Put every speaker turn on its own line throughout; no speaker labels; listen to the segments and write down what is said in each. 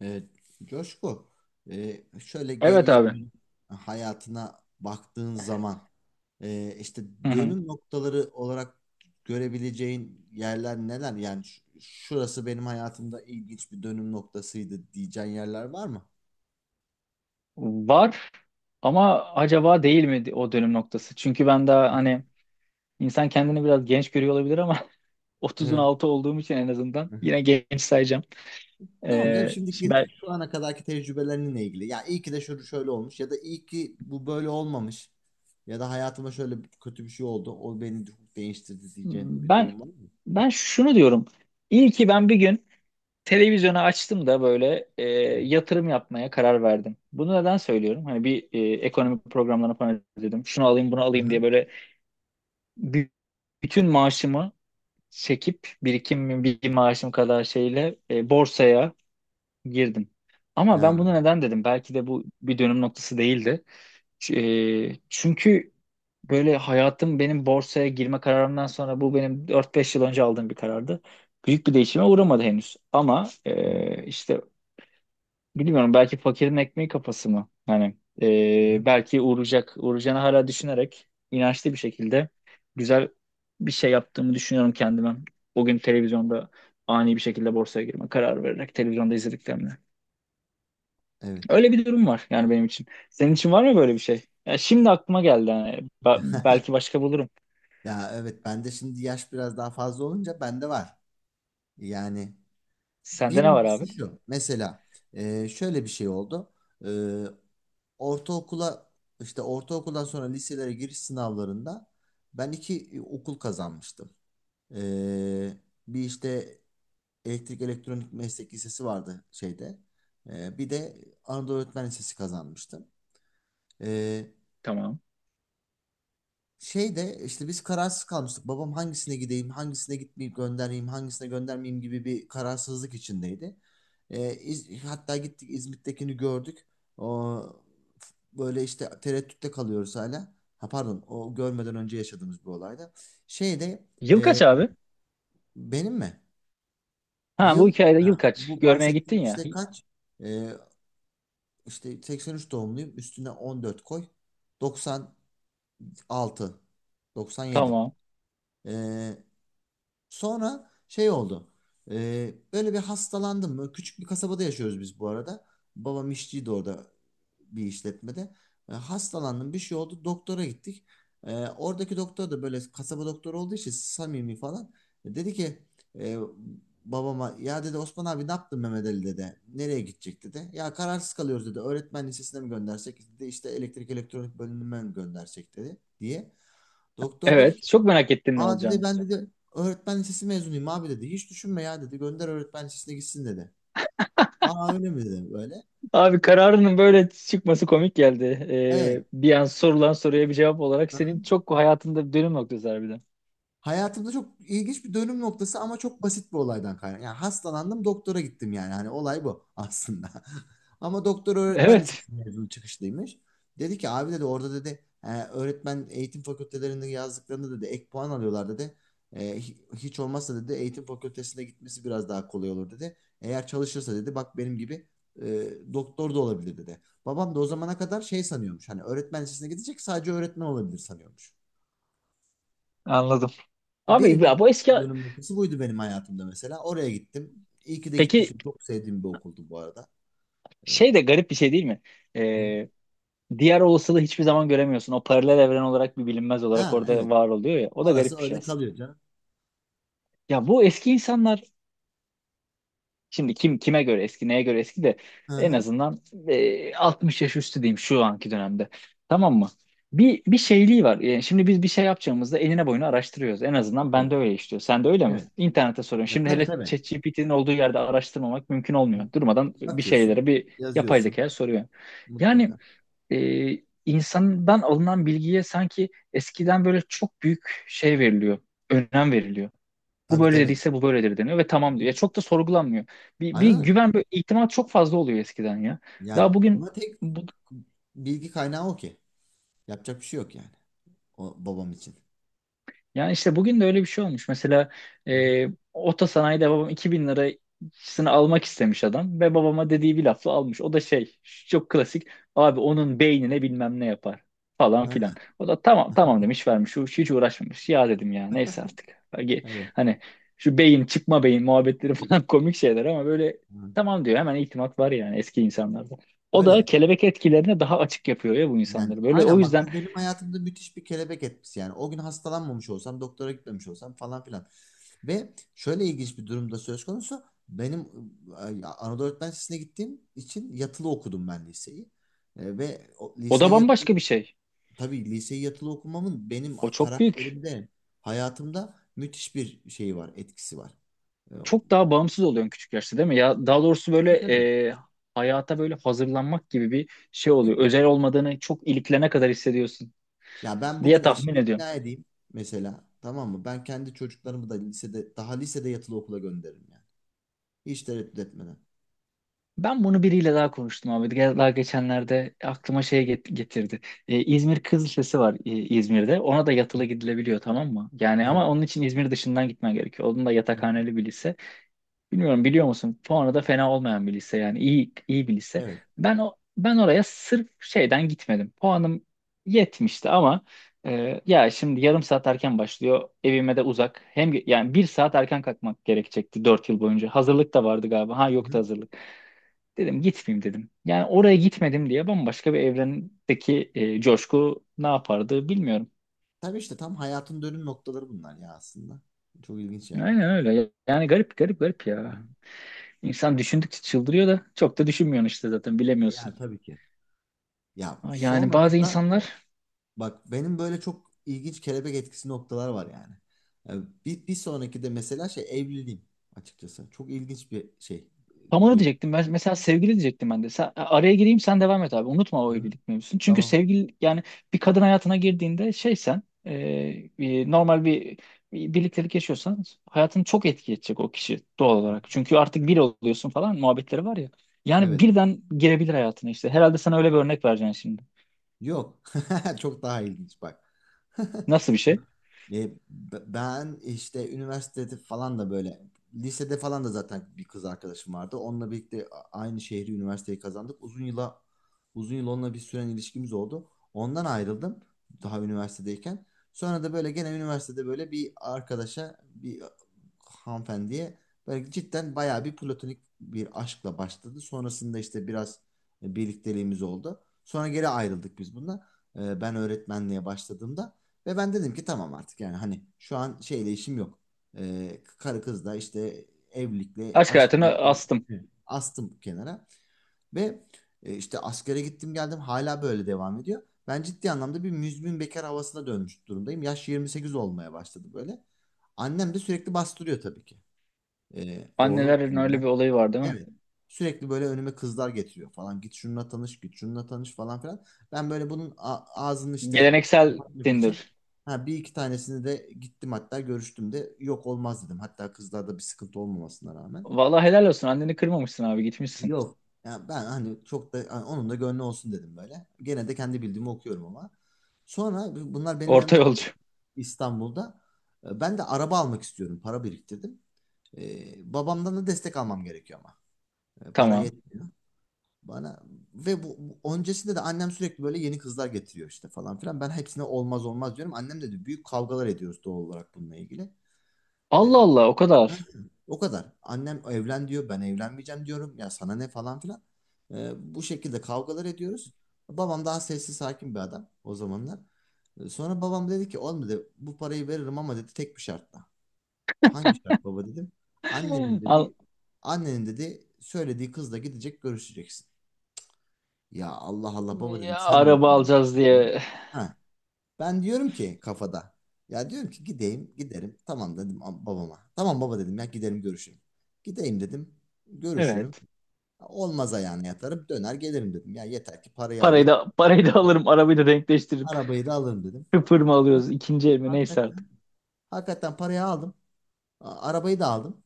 Evet, Coşku, şöyle
Evet
geriye
abi.
dön hayatına baktığın zaman, işte
Hı hı.
dönüm noktaları olarak görebileceğin yerler neler? Yani şurası benim hayatımda ilginç bir dönüm noktasıydı diyeceğin yerler var mı?
Var ama acaba değil mi o dönüm noktası? Çünkü ben daha hani insan kendini biraz genç görüyor olabilir ama 30'un
Evet.
altı olduğum için en azından
Hı hı.
yine genç sayacağım.
Tamam canım,
Şimdi
şimdiki
ben,
şu ana kadarki tecrübelerinle ilgili. Ya iyi ki de şöyle şöyle olmuş ya da iyi ki bu böyle olmamış ya da hayatıma şöyle kötü bir şey oldu. O beni çok değiştirdi diyeceğin bir
ben
durum var mı?
ben şunu diyorum. İyi ki ben bir gün televizyonu açtım da böyle yatırım yapmaya karar verdim. Bunu neden söylüyorum? Hani bir ekonomi programlarını falan izledim. Şunu alayım, bunu
Hı
alayım diye
hı.
böyle bü- bütün maaşımı çekip birikimim bir maaşım kadar şeyle borsaya girdim. Ama
Ha,
ben bunu neden dedim? Belki de bu bir dönüm noktası değildi. Ç- Çünkü böyle hayatım benim borsaya girme kararımdan sonra bu benim 4 5 yıl önce aldığım bir karardı. Büyük bir değişime uğramadı henüz. Ama
evet.
işte bilmiyorum, belki fakirin ekmeği kafası mı? Hani
Aha,
belki uğrayacak, uğrayacağını hala düşünerek inançlı bir şekilde güzel bir şey yaptığımı düşünüyorum kendime. O gün televizyonda ani bir şekilde borsaya girme kararı vererek televizyonda izlediklerimle.
evet.
Öyle bir durum var yani benim için. Senin için var mı böyle bir şey? Ya şimdi aklıma geldi hani. Belki başka bulurum.
Ya evet, bende şimdi yaş biraz daha fazla olunca bende var. Yani
Sende ne var
birincisi
abi?
şu. Mesela şöyle bir şey oldu. E, ortaokula işte ortaokuldan sonra liselere giriş sınavlarında ben iki okul kazanmıştım. E, bir işte elektrik elektronik meslek lisesi vardı şeyde. Bir de Anadolu Öğretmen Lisesi kazanmıştım. E,
Tamam.
şey de işte biz kararsız kalmıştık. Babam hangisine gideyim, hangisine gitmeyip göndereyim, hangisine göndermeyeyim gibi bir kararsızlık içindeydi. Hatta gittik İzmit'tekini gördük. O, böyle işte tereddütte kalıyoruz hala. Ha pardon, o görmeden önce yaşadığımız bir olayda. Şeyde
Yıl kaç
e,
abi?
benim mi?
Ha bu
Yıl
hikayede yıl
ha,
kaç?
bu
Görmeye
bahsettiğim
gittin ya.
işte kaç? Ee, işte 83 doğumluyum. Üstüne 14 koy. 96, 97.
Tamam.
Sonra şey oldu. Böyle bir hastalandım. Böyle küçük bir kasabada yaşıyoruz biz bu arada. Babam işçiydi orada bir işletmede. Hastalandım, bir şey oldu. Doktora gittik. Oradaki doktor da böyle kasaba doktoru olduğu için samimi falan. Dedi ki e, babama, ya dedi, Osman abi ne yaptın Mehmet Ali dedi. Nereye gidecek dedi. Ya kararsız kalıyoruz dedi. Öğretmen lisesine mi göndersek dedi. İşte elektrik elektronik bölümüne mi göndersek dedi diye. Doktor dedi
Evet.
ki,
Çok merak ettin ne
aa dedi,
olacağını.
ben dedi öğretmen lisesi mezunuyum abi dedi. Hiç düşünme ya dedi. Gönder öğretmen lisesine gitsin dedi. Aa öyle mi dedi böyle.
Abi kararının böyle çıkması komik geldi.
Evet.
Bir an sorulan soruya bir cevap olarak senin çok hayatında bir dönüm noktası harbiden.
Hayatımda çok ilginç bir dönüm noktası ama çok basit bir olaydan kaynak. Yani hastalandım doktora gittim yani. Hani olay bu aslında. Ama doktor öğretmen
Evet.
lisesi mezunu çıkışlıymış. Dedi ki, abi dedi orada dedi, öğretmen eğitim fakültelerinde yazdıklarında dedi ek puan alıyorlar dedi. " Hiç olmazsa dedi eğitim fakültesine gitmesi biraz daha kolay olur dedi. Eğer çalışırsa dedi bak benim gibi doktor da olabilir dedi. Babam da o zamana kadar şey sanıyormuş. Hani öğretmen lisesine gidecek, sadece öğretmen olabilir sanıyormuş.
Anladım. Abi
Birinci
ya bu eski...
dönüm noktası buydu benim hayatımda mesela. Oraya gittim. İyi ki de
Peki
gitmişim. Çok sevdiğim bir okuldu bu arada. Ee,
şey de garip bir şey değil mi?
hı.
Ee, Diğer olasılığı hiçbir zaman göremiyorsun. O paralel evren olarak bir bilinmez olarak
Ha
orada
evet.
var oluyor ya. O da garip
Orası
bir şey
öyle
aslında.
kalıyor canım.
Ya bu eski insanlar, şimdi kim kime göre eski, neye göre eski de
Hı
en
hı.
azından 60 yaş üstü diyeyim şu anki dönemde. Tamam mı? Bir bir şeyliği var. Yani şimdi biz bir şey yapacağımızda eline boyunu araştırıyoruz. En azından ben
Evet.
de öyle işliyor. Sen de öyle mi?
Evet.
İnternete soruyorum.
Ya
Şimdi
tabii
hele
tabii.
ChatGPT'nin olduğu yerde araştırmamak mümkün
Hı
olmuyor.
hı.
Durmadan bir
Bakıyorsun.
şeylere bir yapay
Yazıyorsun.
zekaya soruyor. Yani
Mutlaka.
e, insandan alınan bilgiye sanki eskiden böyle çok büyük şey veriliyor, önem veriliyor. Bu
Tabii
böyle
tabii.
dediyse bu böyledir deniyor ve
Hı
tamam diyor.
hı.
Ya çok da sorgulanmıyor. Bir, bir
Aynen öyle.
güven, bir ihtimal çok fazla oluyor eskiden ya.
Yani
Daha bugün
ama tek
bu-
bilgi kaynağı o ki. Yapacak bir şey yok yani. O babam için.
Yani işte bugün de öyle bir şey olmuş. Mesela
Hı hı.
e, otosanayide babam 2000 lirasını almak istemiş adam ve babama dediği bir lafla almış. O da şey, çok klasik, abi onun beynine bilmem ne yapar falan filan.
Ha,
O da tamam tamam demiş vermiş. Hiç, hiç uğraşmamış. Ya dedim ya neyse artık. Belki
evet.
hani şu beyin çıkma beyin muhabbetleri falan komik şeyler ama böyle
Hı.
tamam diyor, hemen itimat var yani eski insanlarda. O da
Öyle.
kelebek etkilerine daha açık yapıyor ya bu
Yani
insanları. Böyle o
aynen bak,
yüzden
bu benim hayatımda müthiş bir kelebek etkisi yani. O gün hastalanmamış olsam, doktora gitmemiş olsam falan filan. Ve şöyle ilginç bir durumda söz konusu. Benim Anadolu Öğretmen Lisesi'ne gittiğim için yatılı okudum ben liseyi. E, ve o
o da
liseyi yatılı,
bambaşka bir şey.
tabii liseyi yatılı okumamın benim
O çok büyük.
karakterimde, hayatımda müthiş bir şeyi var, etkisi var. E,
Çok daha bağımsız oluyorsun küçük yaşta değil mi? Ya daha doğrusu böyle
tabii tabii.
e, hayata böyle hazırlanmak gibi bir şey oluyor. Özel olmadığını çok iliklene kadar hissediyorsun
Ya ben bugün
diye tahmin
eşimi
ediyorum.
ikna edeyim mesela, tamam mı? Ben kendi çocuklarımı da lisede, daha lisede yatılı okula gönderirim yani. Hiç tereddüt etmeden.
Ben bunu biriyle daha konuştum abi. Daha geçenlerde aklıma şey getirdi. E, İzmir Kız Lisesi var İzmir'de. Ona da
Hı.
yatılı gidilebiliyor tamam mı? Yani
Evet.
ama onun için İzmir dışından gitmen gerekiyor. Onun da
Hı hı.
yatakhaneli bir lise. Bilmiyorum biliyor musun? Puanı da fena olmayan bir lise yani iyi bir lise.
Evet.
Ben oraya sırf şeyden gitmedim. Puanım yetmişti ama ya şimdi yarım saat erken başlıyor. Evime de uzak. Hem yani 1 saat erken kalkmak gerekecekti 4 yıl boyunca. Hazırlık da vardı galiba. Ha
Hı
yoktu
hı.
hazırlık. Dedim gitmeyeyim dedim. Yani oraya gitmedim diye bambaşka bir evrendeki coşku ne yapardı bilmiyorum.
Tabii işte tam hayatın dönüm noktaları bunlar ya aslında. Çok ilginç yani.
Aynen öyle. Yani garip garip garip
Hı.
ya. İnsan düşündükçe çıldırıyor da çok da düşünmüyorsun işte zaten
E ya
bilemiyorsun.
tabii ki. Ya
Yani bazı
sonrasında
insanlar
bak benim böyle çok ilginç kelebek etkisi noktalar var yani. Yani bir sonraki de mesela şey, evliliğim açıkçası. Çok ilginç bir şey.
tamamı
Dönüm.
diyecektim. Ben mesela sevgili diyecektim ben de. Sen, araya gireyim sen devam et abi. Unutma
Hı
o
hı.
evlilik mevzusunu. Çünkü
Tamam.
sevgili yani bir kadın hayatına girdiğinde şey sen normal bir, bir birliktelik yaşıyorsan hayatını çok etki edecek o kişi doğal
Hı hı.
olarak. Çünkü artık bir oluyorsun falan muhabbetleri var ya. Yani
Evet.
birden girebilir hayatına işte. Herhalde sana öyle bir örnek vereceksin şimdi.
Yok. Çok daha ilginç bak.
Nasıl bir şey?
Ben işte üniversitede falan da böyle, lisede falan da zaten bir kız arkadaşım vardı. Onunla birlikte aynı şehri, üniversiteyi kazandık. Uzun yıl onunla bir süren ilişkimiz oldu. Ondan ayrıldım daha üniversitedeyken. Sonra da böyle gene üniversitede böyle bir arkadaşa, bir hanımefendiye böyle cidden bayağı bir platonik bir aşkla başladı. Sonrasında işte biraz birlikteliğimiz oldu. Sonra geri ayrıldık biz bununla. E, ben öğretmenliğe başladığımda. Ve ben dedim ki, tamam artık yani, hani şu an şeyle işim yok. Karı kız da işte, evlilikle
Aşk
aşkla.
hayatına astım.
Hı. Astım kenara ve işte askere gittim geldim, hala böyle devam ediyor. Ben ciddi anlamda bir müzmin bekar havasına dönmüş durumdayım. Yaş 28 olmaya başladı böyle. Annem de sürekli bastırıyor tabii ki. Oğlum
Annelerin öyle bir
evlen.
olayı var değil mi?
Evet. Sürekli böyle önüme kızlar getiriyor falan. Git şununla tanış, git şununla tanış falan filan. Ben böyle bunun ağzını işte
Geleneksel
kapatmak için,
Tinder.
ha, bir iki tanesini de gittim hatta görüştüm de, yok olmaz dedim. Hatta kızlarda bir sıkıntı olmamasına rağmen.
Vallahi helal olsun. Anneni kırmamışsın abi gitmişsin.
Yok. Ya ben hani çok da hani onun da gönlü olsun dedim böyle. Gene de kendi bildiğimi okuyorum ama. Sonra bunlar benim
Orta
yanımda kalıyor
yolcu.
İstanbul'da. Ben de araba almak istiyorum. Para biriktirdim. Babamdan da destek almam gerekiyor ama. Para
Tamam.
yetmiyor bana. Ve öncesinde de annem sürekli böyle yeni kızlar getiriyor işte falan filan. Ben hepsine olmaz olmaz diyorum. Annem de, büyük kavgalar ediyoruz doğal olarak bununla ilgili.
Allah
Ee,
Allah o kadar.
o kadar. Annem evlen diyor, ben evlenmeyeceğim diyorum. Ya sana ne falan filan. Bu şekilde kavgalar ediyoruz. Babam daha sessiz sakin bir adam o zamanlar. Sonra babam dedi ki, olmadı bu parayı veririm ama dedi, tek bir şartla. Hangi şart baba dedim. Annenin
Al,
dedi annenin dedi söylediği kızla gidecek, görüşeceksin. Ya Allah Allah baba dedim,
ya,
sen de mi
araba
bunu
alacağız
istiyorsun ya?
diye.
Ha, ben diyorum ki kafada. Ya diyorum ki gideyim, giderim. Tamam dedim babama. Tamam baba dedim, ya giderim görüşürüm. Gideyim dedim, görüşürüm.
Evet.
Olmaz ayağına yatarım, döner gelirim dedim. Ya yeter ki parayı
Parayı
alayım.
da parayı da alırım. Arabayı da denkleştiririm.
Arabayı da alırım dedim.
Sıfır mı alıyoruz? İkinci el mi? Neyse artık.
Hakikaten, hakikaten parayı aldım. Arabayı da aldım.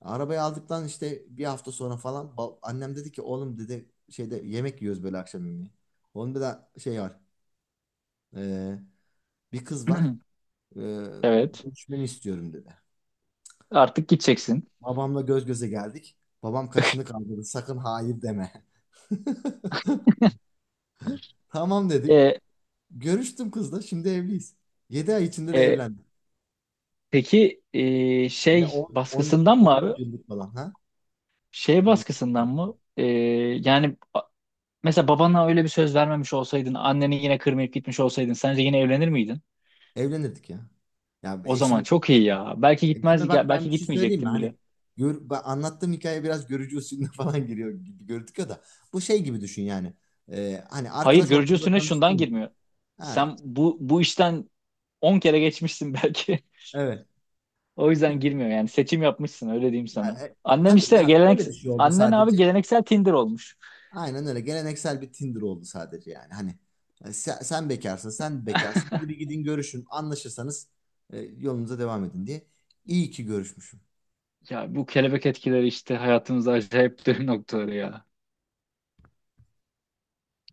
Arabayı aldıktan işte bir hafta sonra falan, annem dedi ki, oğlum dedi, şeyde yemek yiyoruz böyle akşam yemeği. Onun bir de şey var. Ee, bir kız var. Ee,
Evet.
görüşmeni istiyorum dedi.
Artık gideceksin.
Babamla göz göze geldik. Babam kaşını kaldırdı. Sakın hayır deme. Tamam dedik.
E,
Görüştüm kızla. Şimdi evliyiz. 7 ay içinde de
e,
evlendik.
peki
Ve
şey
10, 12,
baskısından mı abi?
13 yıllık falan, ha?
Şey
12
baskısından
yıllık.
mı? Yani mesela babana öyle bir söz vermemiş olsaydın, anneni yine kırmayıp gitmiş olsaydın, sence yine evlenir miydin?
Evlenirdik ya. Ya
O zaman çok iyi ya. Belki
eşime
gitmez,
bak, ben
belki
bir şey söyleyeyim mi?
gitmeyecektin
Hani
bile.
ben anlattığım hikaye biraz görücü usulüne falan giriyor gibi gördük ya da. Bu şey gibi düşün yani. Hani
Hayır
arkadaş
görücü
ortamında
usulüne şundan
tanıştığın gibi.
girmiyor.
Ha,
Sen bu işten 10 kere geçmişsin belki.
evet.
O yüzden girmiyor yani seçim yapmışsın öyle diyeyim
Yani,
sana. Annem
tabii
işte
ya şöyle bir şey oldu
annen abi
sadece.
geleneksel Tinder olmuş.
Aynen öyle. Geleneksel bir Tinder oldu sadece yani. Hani sen bekarsın, sen bekarsın. Hadi bir gidin görüşün. Anlaşırsanız yolunuza devam edin diye. İyi ki görüşmüşüm.
Ya bu kelebek etkileri işte hayatımızda acayip dönüm noktaları ya.